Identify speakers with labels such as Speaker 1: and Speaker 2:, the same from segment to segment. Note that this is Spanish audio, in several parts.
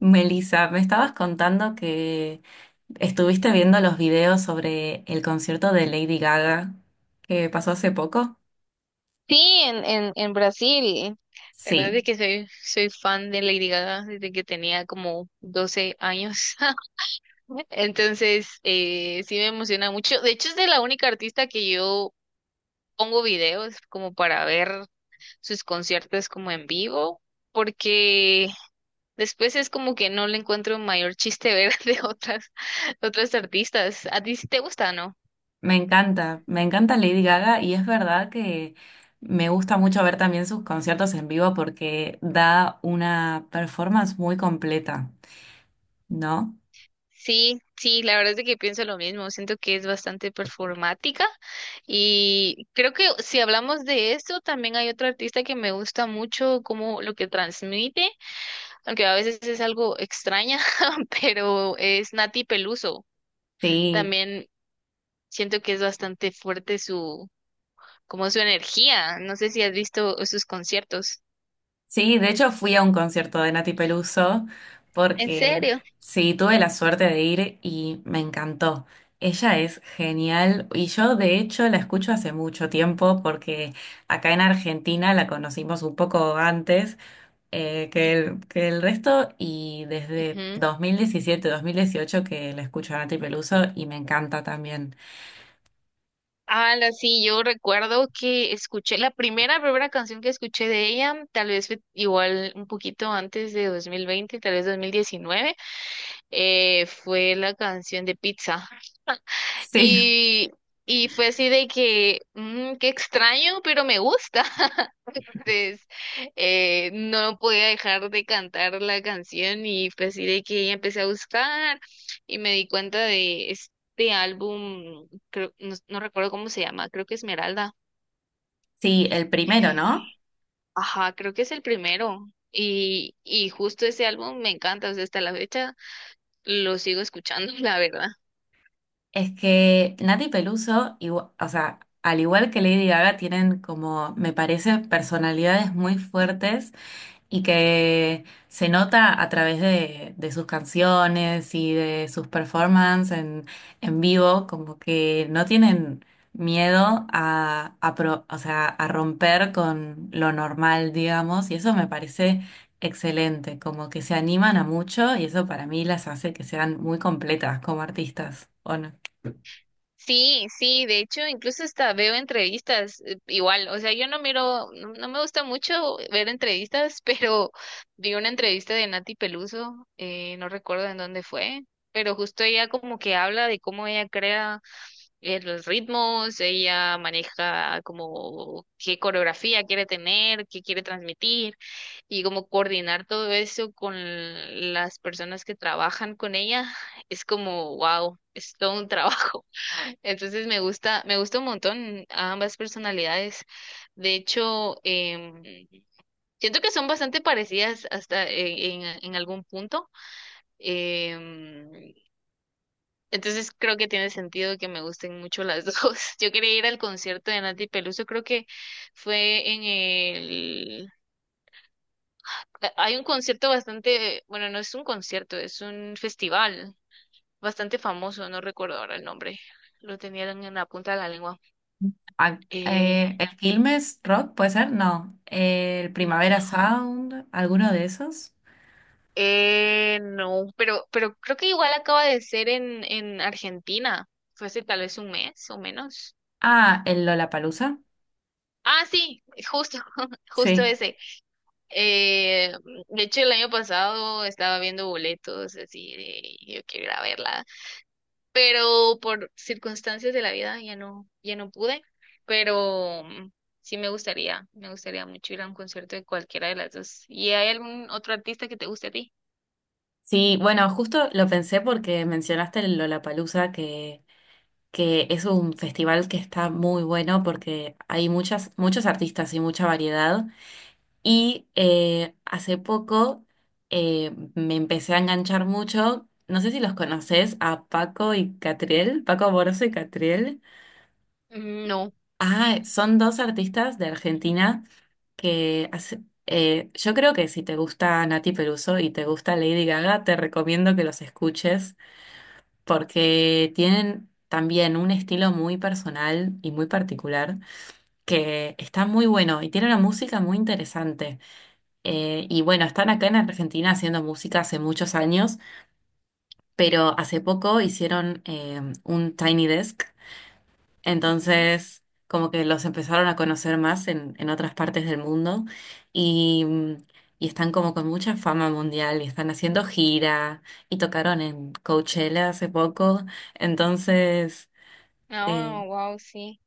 Speaker 1: Melissa, me estabas contando que estuviste viendo los videos sobre el concierto de Lady Gaga que pasó hace poco.
Speaker 2: Sí, en Brasil. La verdad
Speaker 1: Sí,
Speaker 2: es que soy fan de Lady Gaga desde que tenía como 12 años. Entonces, sí me emociona mucho. De hecho, es de la única artista que yo pongo videos como para ver sus conciertos como en vivo, porque después es como que no le encuentro mayor chiste ver de otras artistas. ¿A ti sí te gusta, no?
Speaker 1: me encanta Lady Gaga y es verdad que me gusta mucho ver también sus conciertos en vivo porque da una performance muy completa, ¿no?
Speaker 2: Sí, sí, la verdad es de que pienso lo mismo. Siento que es bastante performática y creo que si hablamos de eso, también hay otro artista que me gusta mucho como lo que transmite, aunque a veces es algo extraña, pero es Nati Peluso.
Speaker 1: Sí.
Speaker 2: También siento que es bastante fuerte su, como su energía. No sé si has visto sus conciertos.
Speaker 1: Sí, de hecho fui a un concierto de Nati Peluso
Speaker 2: ¿En
Speaker 1: porque
Speaker 2: serio?
Speaker 1: sí, tuve la suerte de ir y me encantó. Ella es genial y yo de hecho la escucho hace mucho tiempo porque acá en Argentina la conocimos un poco antes,
Speaker 2: Ujú,
Speaker 1: que el resto y desde
Speaker 2: ujú.
Speaker 1: dos mil diecisiete 2018 que la escucho a Nati Peluso y me encanta también.
Speaker 2: Ah, sí, yo recuerdo que escuché la primera canción que escuché de ella, tal vez fue igual un poquito antes de 2020, tal vez 2019. Fue la canción de Pizza.
Speaker 1: Sí,
Speaker 2: Y, y fue así de que, qué extraño, pero me gusta. Entonces, no podía dejar de cantar la canción y fue así de que ya empecé a buscar y me di cuenta de este álbum, creo, no recuerdo cómo se llama. Creo que Esmeralda.
Speaker 1: sí, el primero,
Speaker 2: Eh,
Speaker 1: ¿no?
Speaker 2: ajá, creo que es el primero. Y justo ese álbum me encanta, o sea, hasta la fecha lo sigo escuchando, la verdad.
Speaker 1: Es que Nati Peluso, o sea, al igual que Lady Gaga, tienen como, me parece, personalidades muy fuertes y que se nota a través de sus canciones y de sus performances en vivo, como que no tienen miedo a, o sea, a romper con lo normal, digamos, y eso me parece excelente, como que se animan a mucho y eso para mí las hace que sean muy completas como artistas, ¿o no?
Speaker 2: Sí, sí, de hecho, incluso hasta veo entrevistas, igual, o sea, yo no miro, no, no me gusta mucho ver entrevistas, pero vi una entrevista de Nati Peluso, no recuerdo en dónde fue, pero justo ella como que habla de cómo ella crea los ritmos. Ella maneja como qué coreografía quiere tener, qué quiere transmitir, y como coordinar todo eso con las personas que trabajan con ella. Es como, wow, es todo un trabajo. Entonces me gusta un montón ambas personalidades. De hecho, siento que son bastante parecidas hasta en, en algún punto. Em, entonces creo que tiene sentido que me gusten mucho las dos. Yo quería ir al concierto de Nati Peluso, creo que fue en el. Hay un concierto bastante, bueno, no es un concierto, es un festival bastante famoso. No recuerdo ahora el nombre. Lo tenían en la punta de la lengua.
Speaker 1: Ah,
Speaker 2: Eh,
Speaker 1: el Quilmes Rock, ¿puede ser? No. El
Speaker 2: Mm.
Speaker 1: Primavera Sound, ¿alguno de esos?
Speaker 2: No, pero creo que igual acaba de ser en Argentina. Fue hace tal vez un mes o menos.
Speaker 1: Ah, el Lollapalooza.
Speaker 2: Ah, sí, justo, justo
Speaker 1: Sí.
Speaker 2: ese. Eh, de hecho, el año pasado estaba viendo boletos así de yo quiero ir a verla, pero por circunstancias de la vida ya no pude, pero sí me gustaría mucho ir a un concierto de cualquiera de las dos. ¿Y hay algún otro artista que te guste a ti?
Speaker 1: Sí, bueno, justo lo pensé porque mencionaste el Lollapalooza, que es un festival que está muy bueno porque hay muchas, muchos artistas y mucha variedad. Y hace poco me empecé a enganchar mucho. No sé si los conoces a Paco y Catriel, Paco Amoroso y Catriel.
Speaker 2: Mm, no.
Speaker 1: Ah, son dos artistas de Argentina que yo creo que si te gusta Nati Peluso y te gusta Lady Gaga, te recomiendo que los escuches porque tienen también un estilo muy personal y muy particular que está muy bueno y tiene una música muy interesante. Y bueno, están acá en Argentina haciendo música hace muchos años, pero hace poco hicieron un Tiny Desk.
Speaker 2: Ujú.
Speaker 1: Entonces, como que los empezaron a conocer más en otras partes del mundo y, y están como con mucha fama mundial y están haciendo gira y tocaron en Coachella hace poco. Entonces, eh,
Speaker 2: Ah, wow, sí.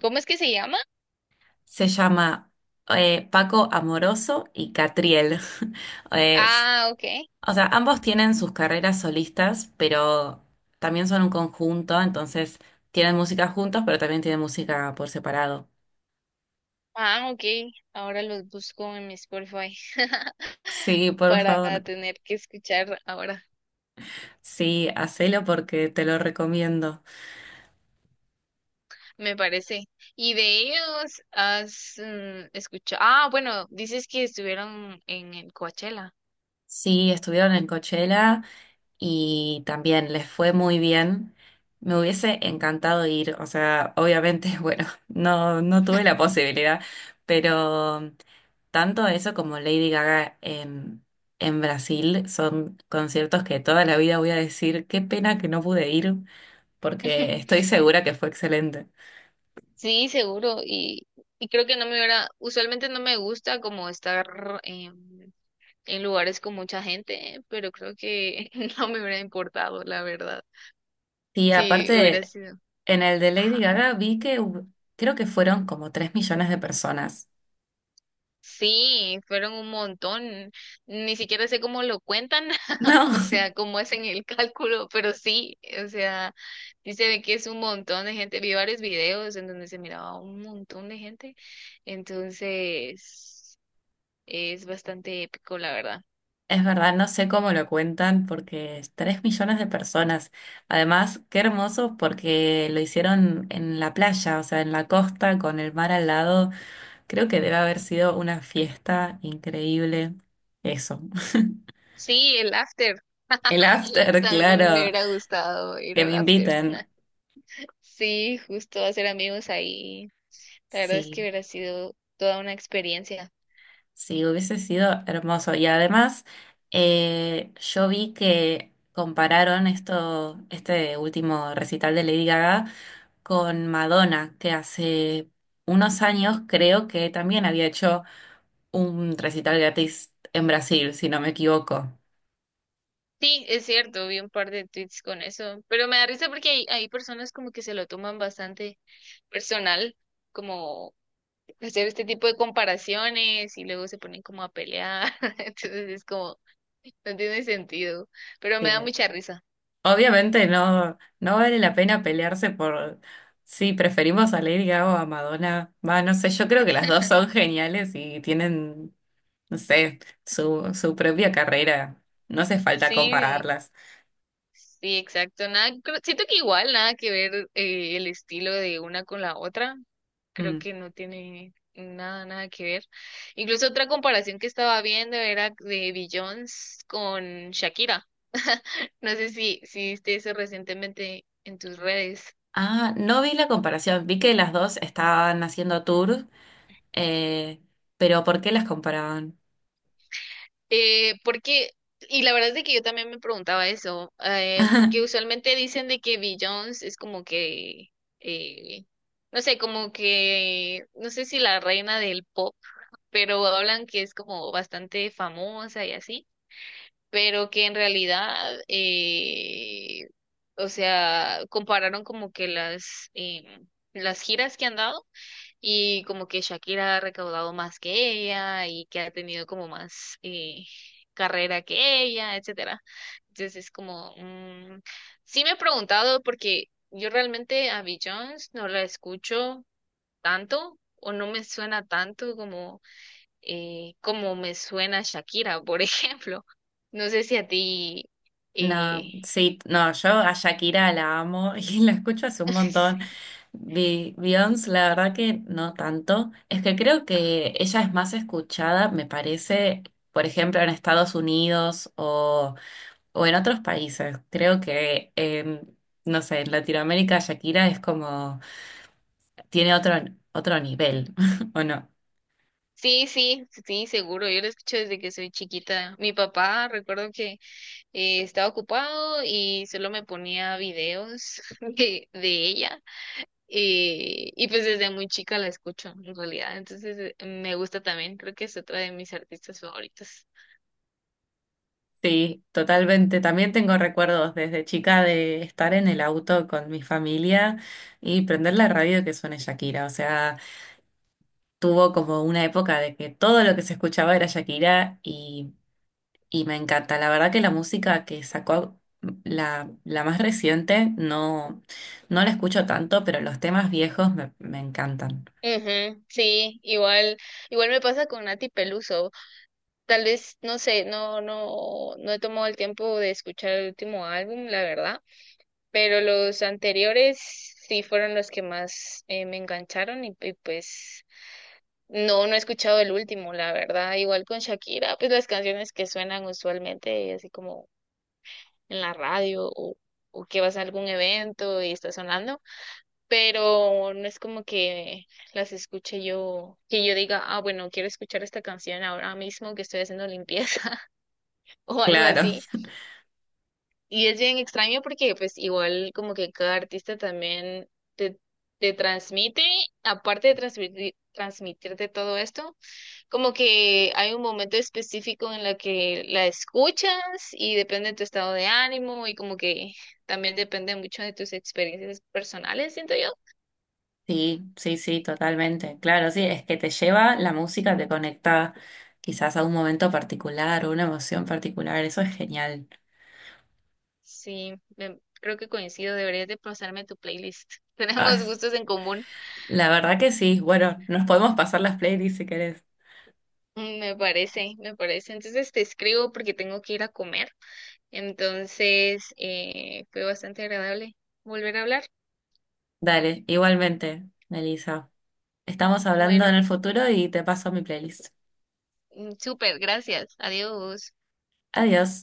Speaker 2: ¿Cómo es que se llama?
Speaker 1: se llama Paco Amoroso y Catriel. Es-
Speaker 2: Ah, ok.
Speaker 1: o sea, ambos tienen sus carreras solistas, pero también son un conjunto, entonces tienen música juntos, pero también tienen música por separado.
Speaker 2: Ah, ok. Ahora los busco en mi Spotify
Speaker 1: Sí, por
Speaker 2: para
Speaker 1: favor.
Speaker 2: tener que escuchar ahora,
Speaker 1: Sí, hacelo porque te lo recomiendo.
Speaker 2: me parece. ¿Y de ellos has escuchado? Ah, bueno, dices que estuvieron en el Coachella.
Speaker 1: Sí, estuvieron en Coachella y también les fue muy bien. Me hubiese encantado ir, o sea, obviamente, bueno, no, no tuve la posibilidad, pero tanto eso como Lady Gaga en Brasil son conciertos que toda la vida voy a decir, qué pena que no pude ir, porque estoy segura que fue excelente.
Speaker 2: Sí, seguro. Y creo que no me hubiera, usualmente no me gusta como estar en lugares con mucha gente, ¿eh? Pero creo que no me hubiera importado, la verdad.
Speaker 1: Y
Speaker 2: Sí, hubiera
Speaker 1: aparte,
Speaker 2: sido.
Speaker 1: en el de Lady
Speaker 2: Ajá.
Speaker 1: Gaga vi que creo que fueron como 3 millones de personas.
Speaker 2: Sí, fueron un montón. Ni siquiera sé cómo lo cuentan,
Speaker 1: No,
Speaker 2: o sea, cómo hacen el cálculo, pero sí, o sea, sí se ve que es un montón de gente. Vi varios videos en donde se miraba un montón de gente. Entonces. Es bastante épico, la verdad.
Speaker 1: es verdad, no sé cómo lo cuentan porque es 3 millones de personas. Además, qué hermoso porque lo hicieron en la playa, o sea, en la costa con el mar al lado. Creo que debe haber sido una fiesta increíble. Eso.
Speaker 2: Sí, el after.
Speaker 1: El after,
Speaker 2: También me
Speaker 1: claro,
Speaker 2: hubiera gustado ir
Speaker 1: que
Speaker 2: al
Speaker 1: me
Speaker 2: after.
Speaker 1: inviten.
Speaker 2: Sí, justo hacer amigos ahí. La verdad es que
Speaker 1: Sí.
Speaker 2: hubiera sido toda una experiencia.
Speaker 1: Sí, hubiese sido hermoso. Y además, yo vi que compararon esto, este último recital de Lady Gaga con Madonna, que hace unos años creo que también había hecho un recital gratis en Brasil, si no me equivoco.
Speaker 2: Sí, es cierto, vi un par de tweets con eso, pero me da risa porque hay personas como que se lo toman bastante personal, como hacer este tipo de comparaciones y luego se ponen como a pelear, entonces es como, no tiene sentido, pero me da
Speaker 1: Sí.
Speaker 2: mucha risa.
Speaker 1: Obviamente no, no vale la pena pelearse por si preferimos a Lady Gaga o a Madonna. Va, no sé, yo creo que las dos son geniales y tienen no sé, su propia carrera. No hace falta
Speaker 2: Sí,
Speaker 1: compararlas.
Speaker 2: sí, exacto. Nada, siento que igual nada que ver el estilo de una con la otra. Creo
Speaker 1: Mm.
Speaker 2: que no tiene nada, nada que ver. Incluso otra comparación que estaba viendo era de Beyoncé con Shakira. No sé si viste eso recientemente en tus redes.
Speaker 1: Ah, no vi la comparación. Vi que las dos estaban haciendo tours, eh, pero ¿por qué las comparaban?
Speaker 2: Eh, porque, y la verdad es de que yo también me preguntaba eso, porque usualmente dicen de que Beyoncé es como que, eh, no sé, como que, no sé si la reina del pop, pero hablan que es como bastante famosa y así, pero que en realidad, o sea, compararon como que las giras que han dado y como que Shakira ha recaudado más que ella y que ha tenido como más carrera que ella, etcétera. Entonces es como, sí me he preguntado porque yo realmente a Jones no la escucho tanto o no me suena tanto como me suena Shakira, por ejemplo. No sé si a ti.
Speaker 1: No,
Speaker 2: eh,
Speaker 1: sí, no, yo a
Speaker 2: Espérame.
Speaker 1: Shakira la amo y la escucho hace un montón. Beyoncé, la verdad que no tanto. Es que creo
Speaker 2: Ah,
Speaker 1: que ella es más escuchada, me parece, por ejemplo, en Estados Unidos o en otros países. Creo que, no sé, en Latinoamérica Shakira es como, tiene otro, otro nivel, ¿o no?
Speaker 2: sí, sí, sí, seguro. Yo lo escucho desde que soy chiquita. Mi papá, recuerdo que estaba ocupado y solo me ponía videos de ella. Y pues desde muy chica la escucho, en realidad. Entonces me gusta también. Creo que es otra de mis artistas favoritas.
Speaker 1: Sí, totalmente. También tengo recuerdos desde chica de estar en el auto con mi familia y prender la radio que suene Shakira. O sea, tuvo como una época de que todo lo que se escuchaba era Shakira y me encanta. La verdad que la música que sacó, la más reciente, no, no la escucho tanto, pero los temas viejos me, me encantan.
Speaker 2: Ujú, sí, igual me pasa con Nati Peluso. Tal vez, no sé, no he tomado el tiempo de escuchar el último álbum, la verdad, pero los anteriores sí fueron los que más me engancharon y pues no he escuchado el último, la verdad. Igual con Shakira, pues las canciones que suenan usualmente así como en la radio o que vas a algún evento y está sonando, pero no es como que las escuche yo, que yo diga, ah, bueno, quiero escuchar esta canción ahora mismo que estoy haciendo limpieza o algo
Speaker 1: Claro,
Speaker 2: así. Y es bien extraño porque pues igual como que cada artista también te, te transmite, aparte de transmitirte todo esto, como que hay un momento específico en la que la escuchas y depende de tu estado de ánimo y como que también depende mucho de tus experiencias personales, siento yo.
Speaker 1: sí, sí, sí, totalmente. Claro, sí, es que te lleva la música, te conecta quizás a un momento particular o una emoción particular, eso es genial.
Speaker 2: Sí, creo que coincido, deberías de pasarme tu playlist.
Speaker 1: Ah,
Speaker 2: Tenemos gustos en común.
Speaker 1: la verdad que sí, bueno, nos podemos pasar las playlists si querés.
Speaker 2: Me parece. Entonces te escribo porque tengo que ir a comer. Entonces, fue bastante agradable volver a hablar.
Speaker 1: Dale, igualmente, Melissa. Estamos hablando en
Speaker 2: Bueno,
Speaker 1: el futuro y te paso mi playlist.
Speaker 2: súper, gracias. Adiós.
Speaker 1: Adiós.